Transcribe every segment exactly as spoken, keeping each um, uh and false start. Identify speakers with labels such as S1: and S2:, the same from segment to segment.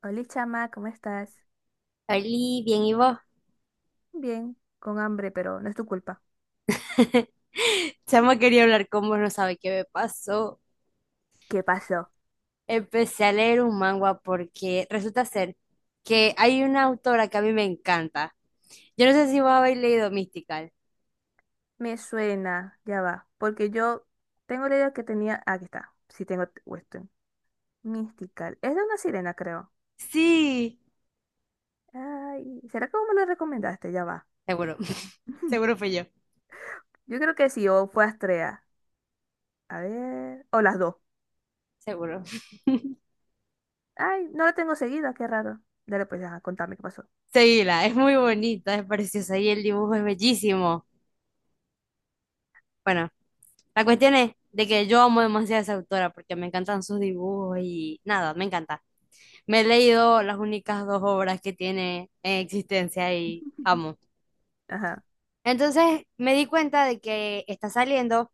S1: Hola, chama, ¿cómo estás?
S2: Oli, bien, ¿y vos?
S1: Bien, con hambre, pero no es tu culpa.
S2: Chama, quería hablar con vos, no sabe qué me pasó.
S1: ¿Qué pasó?
S2: Empecé a leer un manga porque resulta ser que hay una autora que a mí me encanta. Yo no sé si vos habéis leído Mystical.
S1: Me suena, ya va, porque yo tengo la idea que tenía. ah, Aquí está, sí tengo t- Weston. Mystical. Es de una sirena, creo.
S2: Sí,
S1: Ay, ¿será que vos me lo recomendaste? Ya va.
S2: seguro, seguro fui yo,
S1: Yo creo que sí, o fue Astrea. A ver, o las dos.
S2: seguro.
S1: Ay, no la tengo seguida, qué raro. Dale, pues, ajá, contame qué pasó.
S2: Seguila, es muy bonita, es preciosa y el dibujo es bellísimo. Bueno, la cuestión es de que yo amo demasiado a esa autora porque me encantan sus dibujos y nada, me encanta. Me he leído las únicas dos obras que tiene en existencia y amo.
S1: Ajá,
S2: Entonces me di cuenta de que está saliendo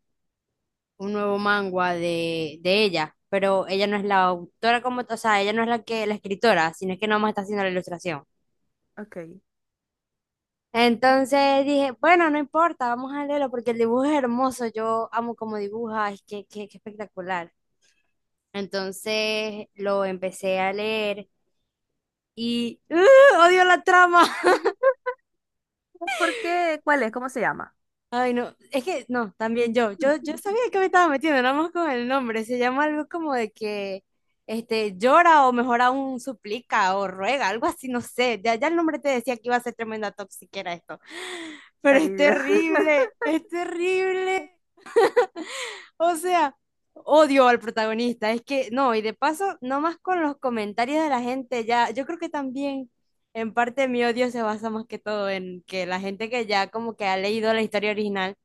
S2: un nuevo manga de, de ella, pero ella no es la autora como, t- o sea, ella no es la que, la escritora, sino es que nomás está haciendo la ilustración.
S1: ok.
S2: Entonces dije, bueno, no importa, vamos a leerlo porque el dibujo es hermoso, yo amo cómo dibuja, es que, que, que espectacular. Entonces lo empecé a leer y ¡uh! Odio la trama.
S1: ¿Por qué? ¿Cuál es? ¿Cómo se llama?
S2: Ay, no, es que no, también yo, yo, yo sabía que me estaba metiendo, nada más con el nombre, se llama algo como de que este, llora o mejor aún suplica o ruega, algo así, no sé, ya, ya el nombre te decía que iba a ser tremenda toxiquera esto, pero
S1: Ay,
S2: es
S1: Dios.
S2: terrible, es terrible. O sea, odio al protagonista. Es que no, y de paso, nomás con los comentarios de la gente, ya, yo creo que también en parte mi odio se basa más que todo en que la gente que ya como que ha leído la historia original,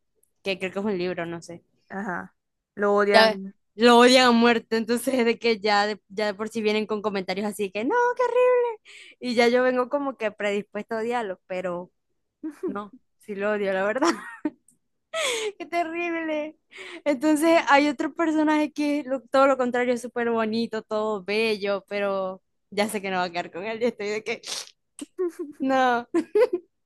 S2: que creo que es un libro, no sé,
S1: Ajá. Lo
S2: ya
S1: odian.
S2: lo odian a muerte. Entonces, de que ya de, ya de por sí vienen con comentarios así que no, qué horrible. Y ya yo vengo como que predispuesto a odiarlo, pero no, sí lo odio, la verdad. Qué terrible. Entonces hay otro personaje que es lo- todo lo contrario, es súper bonito, todo bello, pero ya sé que no va a quedar con él y estoy de que no.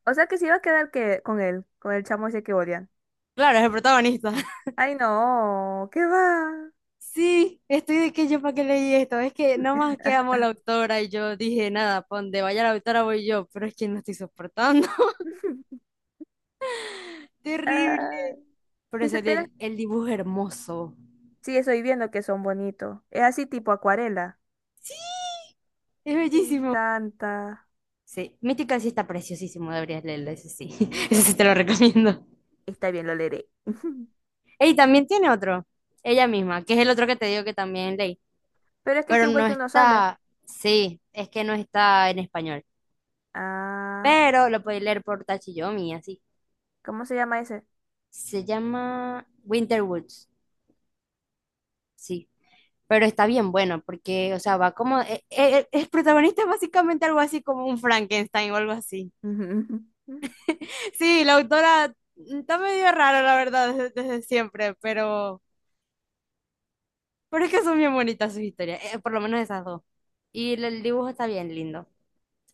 S1: O sea que se iba a quedar que con él, con el chamo ese que odian.
S2: Claro, es el protagonista.
S1: Ay, no, ¿qué va?
S2: Sí, estoy de que yo para qué leí esto. Es que nomás que amo a la autora y yo dije, nada, pa' donde vaya la autora voy yo, pero es que no estoy soportando. Terrible.
S1: Ay,
S2: Pero
S1: si
S2: es
S1: supieras,
S2: el, el dibujo es hermoso.
S1: sí, estoy viendo que son bonitos. Es así tipo acuarela.
S2: Es
S1: Me
S2: bellísimo.
S1: encanta.
S2: Sí, Mítica sí está preciosísimo, deberías leerlo, ese sí. Ese sí te lo recomiendo.
S1: Está bien, lo leeré.
S2: Y también tiene otro, ella misma, que es el otro que te digo que también leí,
S1: Pero es que
S2: pero
S1: Kim
S2: no
S1: Wilde no sale.
S2: está, sí, es que no está en español,
S1: Ah,
S2: pero lo podéis leer por Tachiyomi, así.
S1: ¿cómo se llama ese?
S2: Se llama Winter Woods, sí, pero está bien bueno porque, o sea, va como, eh, eh, el protagonista es básicamente algo así como un Frankenstein o algo así. Sí, la autora está medio rara la verdad, desde, desde siempre, pero, pero es que son bien bonitas sus historias, eh, por lo menos esas dos. Y el el dibujo está bien lindo.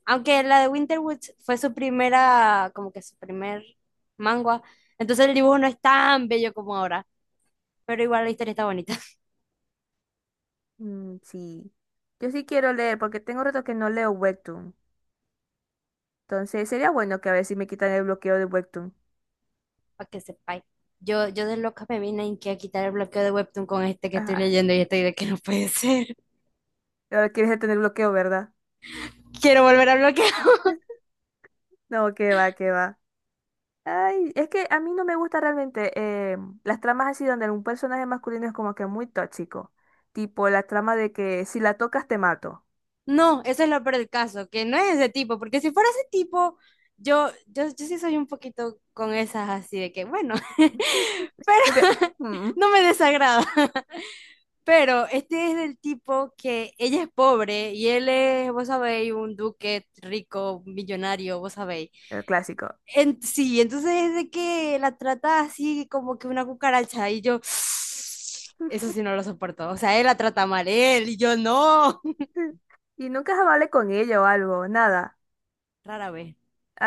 S2: Aunque la de Winter Woods fue su primera, como que su primer manga, entonces el dibujo no es tan bello como ahora, pero igual la historia está bonita.
S1: Mm, sí. Yo sí quiero leer porque tengo rato que no leo Webtoon. Entonces sería bueno que a ver si me quitan el bloqueo de Webtoon.
S2: Para que sepáis. Yo, yo de loca me vine en que a quitar el bloqueo de Webtoon con este que estoy
S1: Ajá.
S2: leyendo y estoy de que no puede ser.
S1: Ahora quieres tener bloqueo, ¿verdad?
S2: Quiero volver a bloquear.
S1: No, que va, que va. Ay, es que a mí no me gusta realmente eh, las tramas así donde un personaje masculino es como que muy tóxico. Tipo la trama de que si la tocas te mato.
S2: No, eso es lo peor del caso, que no es ese tipo, porque si fuera ese tipo, yo, yo, yo sí soy un poquito con esas así de que, bueno,
S1: Porque, mm,
S2: no me desagrada. Pero este es del tipo que ella es pobre y él es, vos sabéis, un duque rico, millonario, vos sabéis.
S1: el clásico.
S2: En- sí, entonces es de que la trata así como que una cucaracha y yo, eso sí no lo soporto. O sea, él la trata mal, él y yo no.
S1: Y nunca se vale con ella o algo, nada.
S2: Rara vez.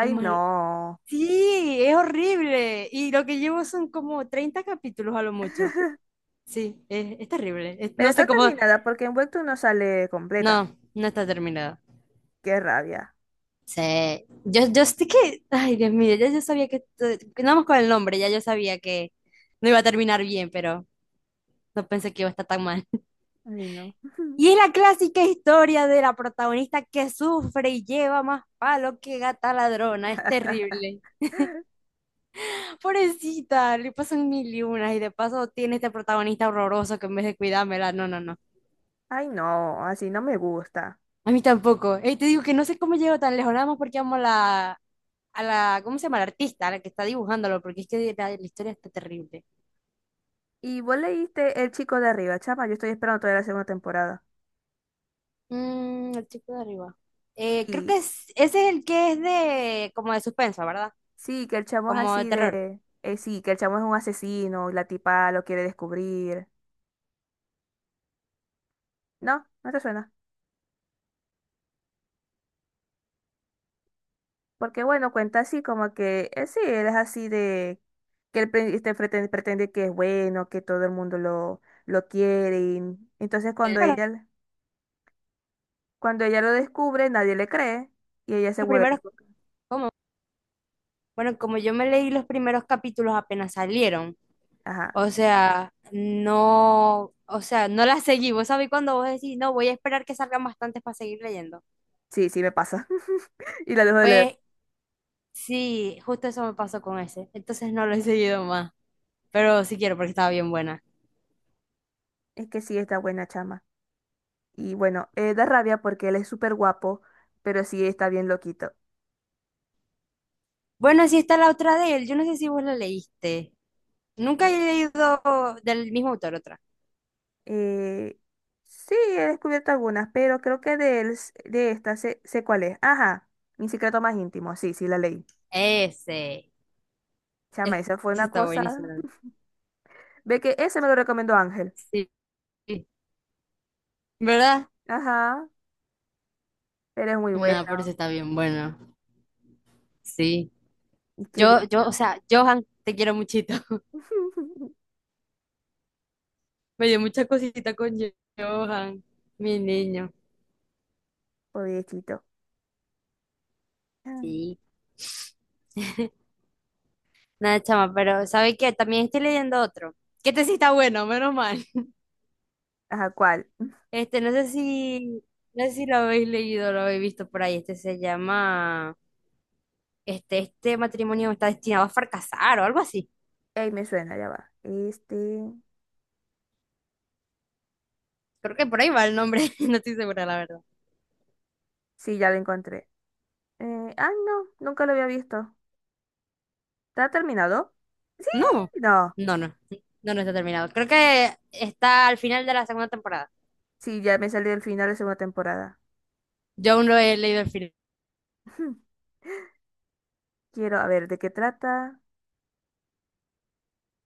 S2: Es mal.
S1: no.
S2: Sí, es horrible. Y lo que llevo son como treinta capítulos a lo mucho. Sí, es, es terrible. Es-
S1: Pero
S2: no
S1: está
S2: sé cómo.
S1: terminada porque en Webtoon no sale completa.
S2: No, no está terminado.
S1: Qué rabia.
S2: Sí, yo, yo estoy que, ay Dios mío, ya yo sabía que, esto- que nada más con el nombre, ya yo sabía que no iba a terminar bien, pero no pensé que iba a estar tan mal.
S1: Ay, no.
S2: Y es la clásica historia de la protagonista que sufre y lleva más palo que gata ladrona, es terrible. Pobrecita, le pasan mil y unas y de paso tiene este protagonista horroroso que en vez de cuidármela, no, no, no.
S1: Ay, no, así no me gusta.
S2: A mí tampoco. Y te digo que no sé cómo llego tan lejos, nada más porque amo a la, a la, ¿cómo se llama? La artista, a la que está dibujándolo, porque es que la, la historia está terrible.
S1: Y vos leíste El chico de arriba, chama. Yo estoy esperando todavía la segunda temporada.
S2: Mm, el chico de arriba. Eh, creo
S1: Sí,
S2: que es, ese es el que es de como de suspenso, ¿verdad?
S1: sí, que el chamo es
S2: Como de
S1: así
S2: terror.
S1: de. Eh, sí, que el chamo es un asesino y la tipa lo quiere descubrir. No, no te suena. Porque bueno, cuenta así como que. Eh, sí, él es así de. Que él pre- este, pretende, pretende que es bueno, que todo el mundo lo, lo quiere. Y entonces
S2: Creo
S1: cuando
S2: que Los,
S1: ella, cuando ella lo descubre, nadie le cree y ella se
S2: los
S1: vuelve.
S2: primeros,
S1: Loca.
S2: como, bueno, como yo me leí los primeros capítulos apenas salieron,
S1: Ajá.
S2: o sea, no, o sea, no la seguí. Vos sabés cuando vos decís, no, voy a esperar que salgan bastantes para seguir leyendo.
S1: Sí, sí, me pasa. Y la dejo de leer.
S2: Pues sí, justo eso me pasó con ese. Entonces no lo he seguido más, pero sí quiero porque estaba bien buena.
S1: Es que sí, está buena, chama. Y bueno, eh, da rabia porque él es súper guapo, pero sí está bien loquito.
S2: Bueno, sí está la otra de él. Yo no sé si vos la leíste. Nunca he leído del mismo autor otra.
S1: Eh, sí, he descubierto algunas, pero creo que de, él s- de esta sé, sé cuál es. Ajá, mi secreto más íntimo. Sí, sí, la leí.
S2: Ese.
S1: Chama,
S2: Ese
S1: esa fue una
S2: está buenísimo.
S1: cosa. Ve que ese me lo recomendó Ángel.
S2: Sí. ¿Verdad?
S1: Ajá, pero es muy buena.
S2: No, por eso está bien bueno. Sí.
S1: Qué
S2: Yo,
S1: Dios.
S2: yo, o sea, Johan, te quiero muchito. Me dio mucha cosita con Johan, mi niño.
S1: Pobrecito.
S2: Sí. Nada, chama, pero ¿sabe qué? También estoy leyendo otro. Que este sí está bueno, menos mal.
S1: Ajá, ¿cuál?
S2: Este, no sé si, no sé si lo habéis leído, lo habéis visto por ahí. Este se llama, este, este matrimonio está destinado a fracasar o algo así.
S1: Ey, me suena, ya va. Este.
S2: Creo que por ahí va el nombre, no estoy segura, la verdad.
S1: Sí, ya lo encontré. Eh, ah, no, nunca lo había visto. ¿Está terminado? Sí,
S2: No,
S1: no.
S2: no, no, no, no está terminado. Creo que está al final de la segunda temporada.
S1: Sí, ya me salí del final de segunda temporada.
S2: Yo aún no he leído el final,
S1: Quiero, a ver, ¿de qué trata?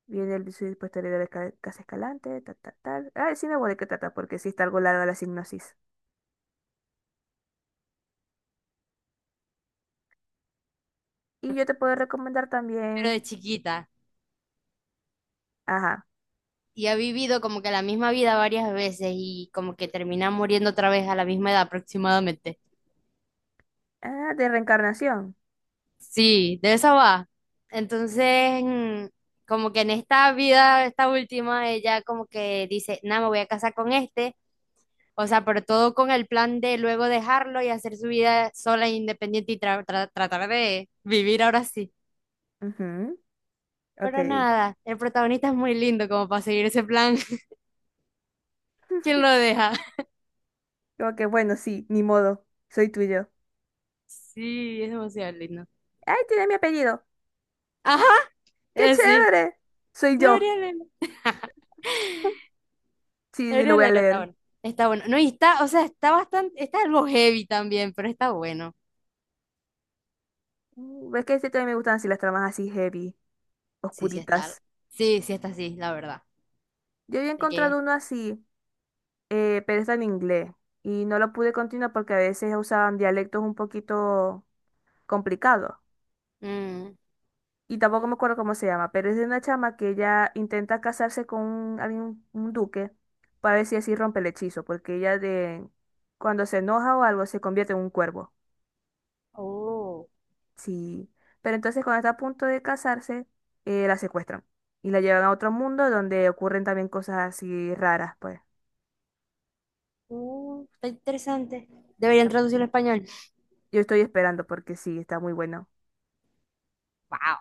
S1: Viene el suicidio posterior de Ca- Casa Escalante, tal, tal, tal. Ah, sí me voy de qué trata, porque sí está algo larga la sinopsis. Y yo te puedo recomendar
S2: pero de
S1: también,
S2: chiquita.
S1: ajá,
S2: Y ha vivido como que la misma vida varias veces y como que termina muriendo otra vez a la misma edad aproximadamente.
S1: ah, de reencarnación.
S2: Sí, de esa va. Entonces, mm, como que en esta vida, esta última, ella como que dice, nada, me voy a casar con este. O sea, pero todo con el plan de luego dejarlo y hacer su vida sola e independiente y tra- tra- tratar de vivir ahora sí.
S1: Ujú,
S2: Pero
S1: ok.
S2: nada, el protagonista es muy lindo como para seguir ese plan. ¿Quién lo deja?
S1: Como que bueno, sí, ni modo, soy tuyo.
S2: Sí, es demasiado lindo.
S1: ¡Ay, tiene mi apellido!
S2: Ajá,
S1: ¡Qué
S2: eh, sí.
S1: chévere! Soy yo.
S2: Debería leerlo.
S1: Sí, sí, lo
S2: Debería
S1: voy a
S2: leerlo, está
S1: leer.
S2: bueno. Está bueno. No, y está, o sea, está bastante, está algo heavy también, pero está bueno.
S1: Mm, es que este también me gustan así las tramas así heavy,
S2: Sí, sí está.
S1: oscuritas.
S2: Sí, sí está así, la verdad.
S1: Yo había
S2: De que.
S1: encontrado uno así, eh, pero está en inglés y no lo pude continuar porque a veces usaban dialectos un poquito complicados.
S2: Mm.
S1: Y tampoco me acuerdo cómo se llama, pero es de una chama que ella intenta casarse con un, alguien- un duque para ver si así rompe el hechizo, porque ella de cuando se enoja o algo se convierte en un cuervo.
S2: Oh,
S1: Sí, pero entonces cuando está a punto de casarse, eh, la secuestran y la llevan a otro mundo donde ocurren también cosas así raras, pues.
S2: uh, está interesante. Deberían
S1: Llama
S2: traducirlo
S1: así.
S2: al español.
S1: Yo estoy esperando porque sí, está muy bueno.
S2: Wow.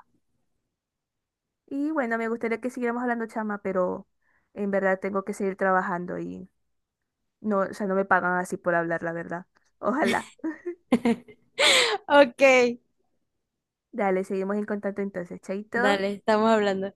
S1: Y bueno, me gustaría que siguiéramos hablando, chama, pero en verdad tengo que seguir trabajando y no, o sea, no me pagan así por hablar, la verdad. Ojalá.
S2: Ok,
S1: Dale, seguimos en contacto entonces, chaito.
S2: dale, estamos hablando.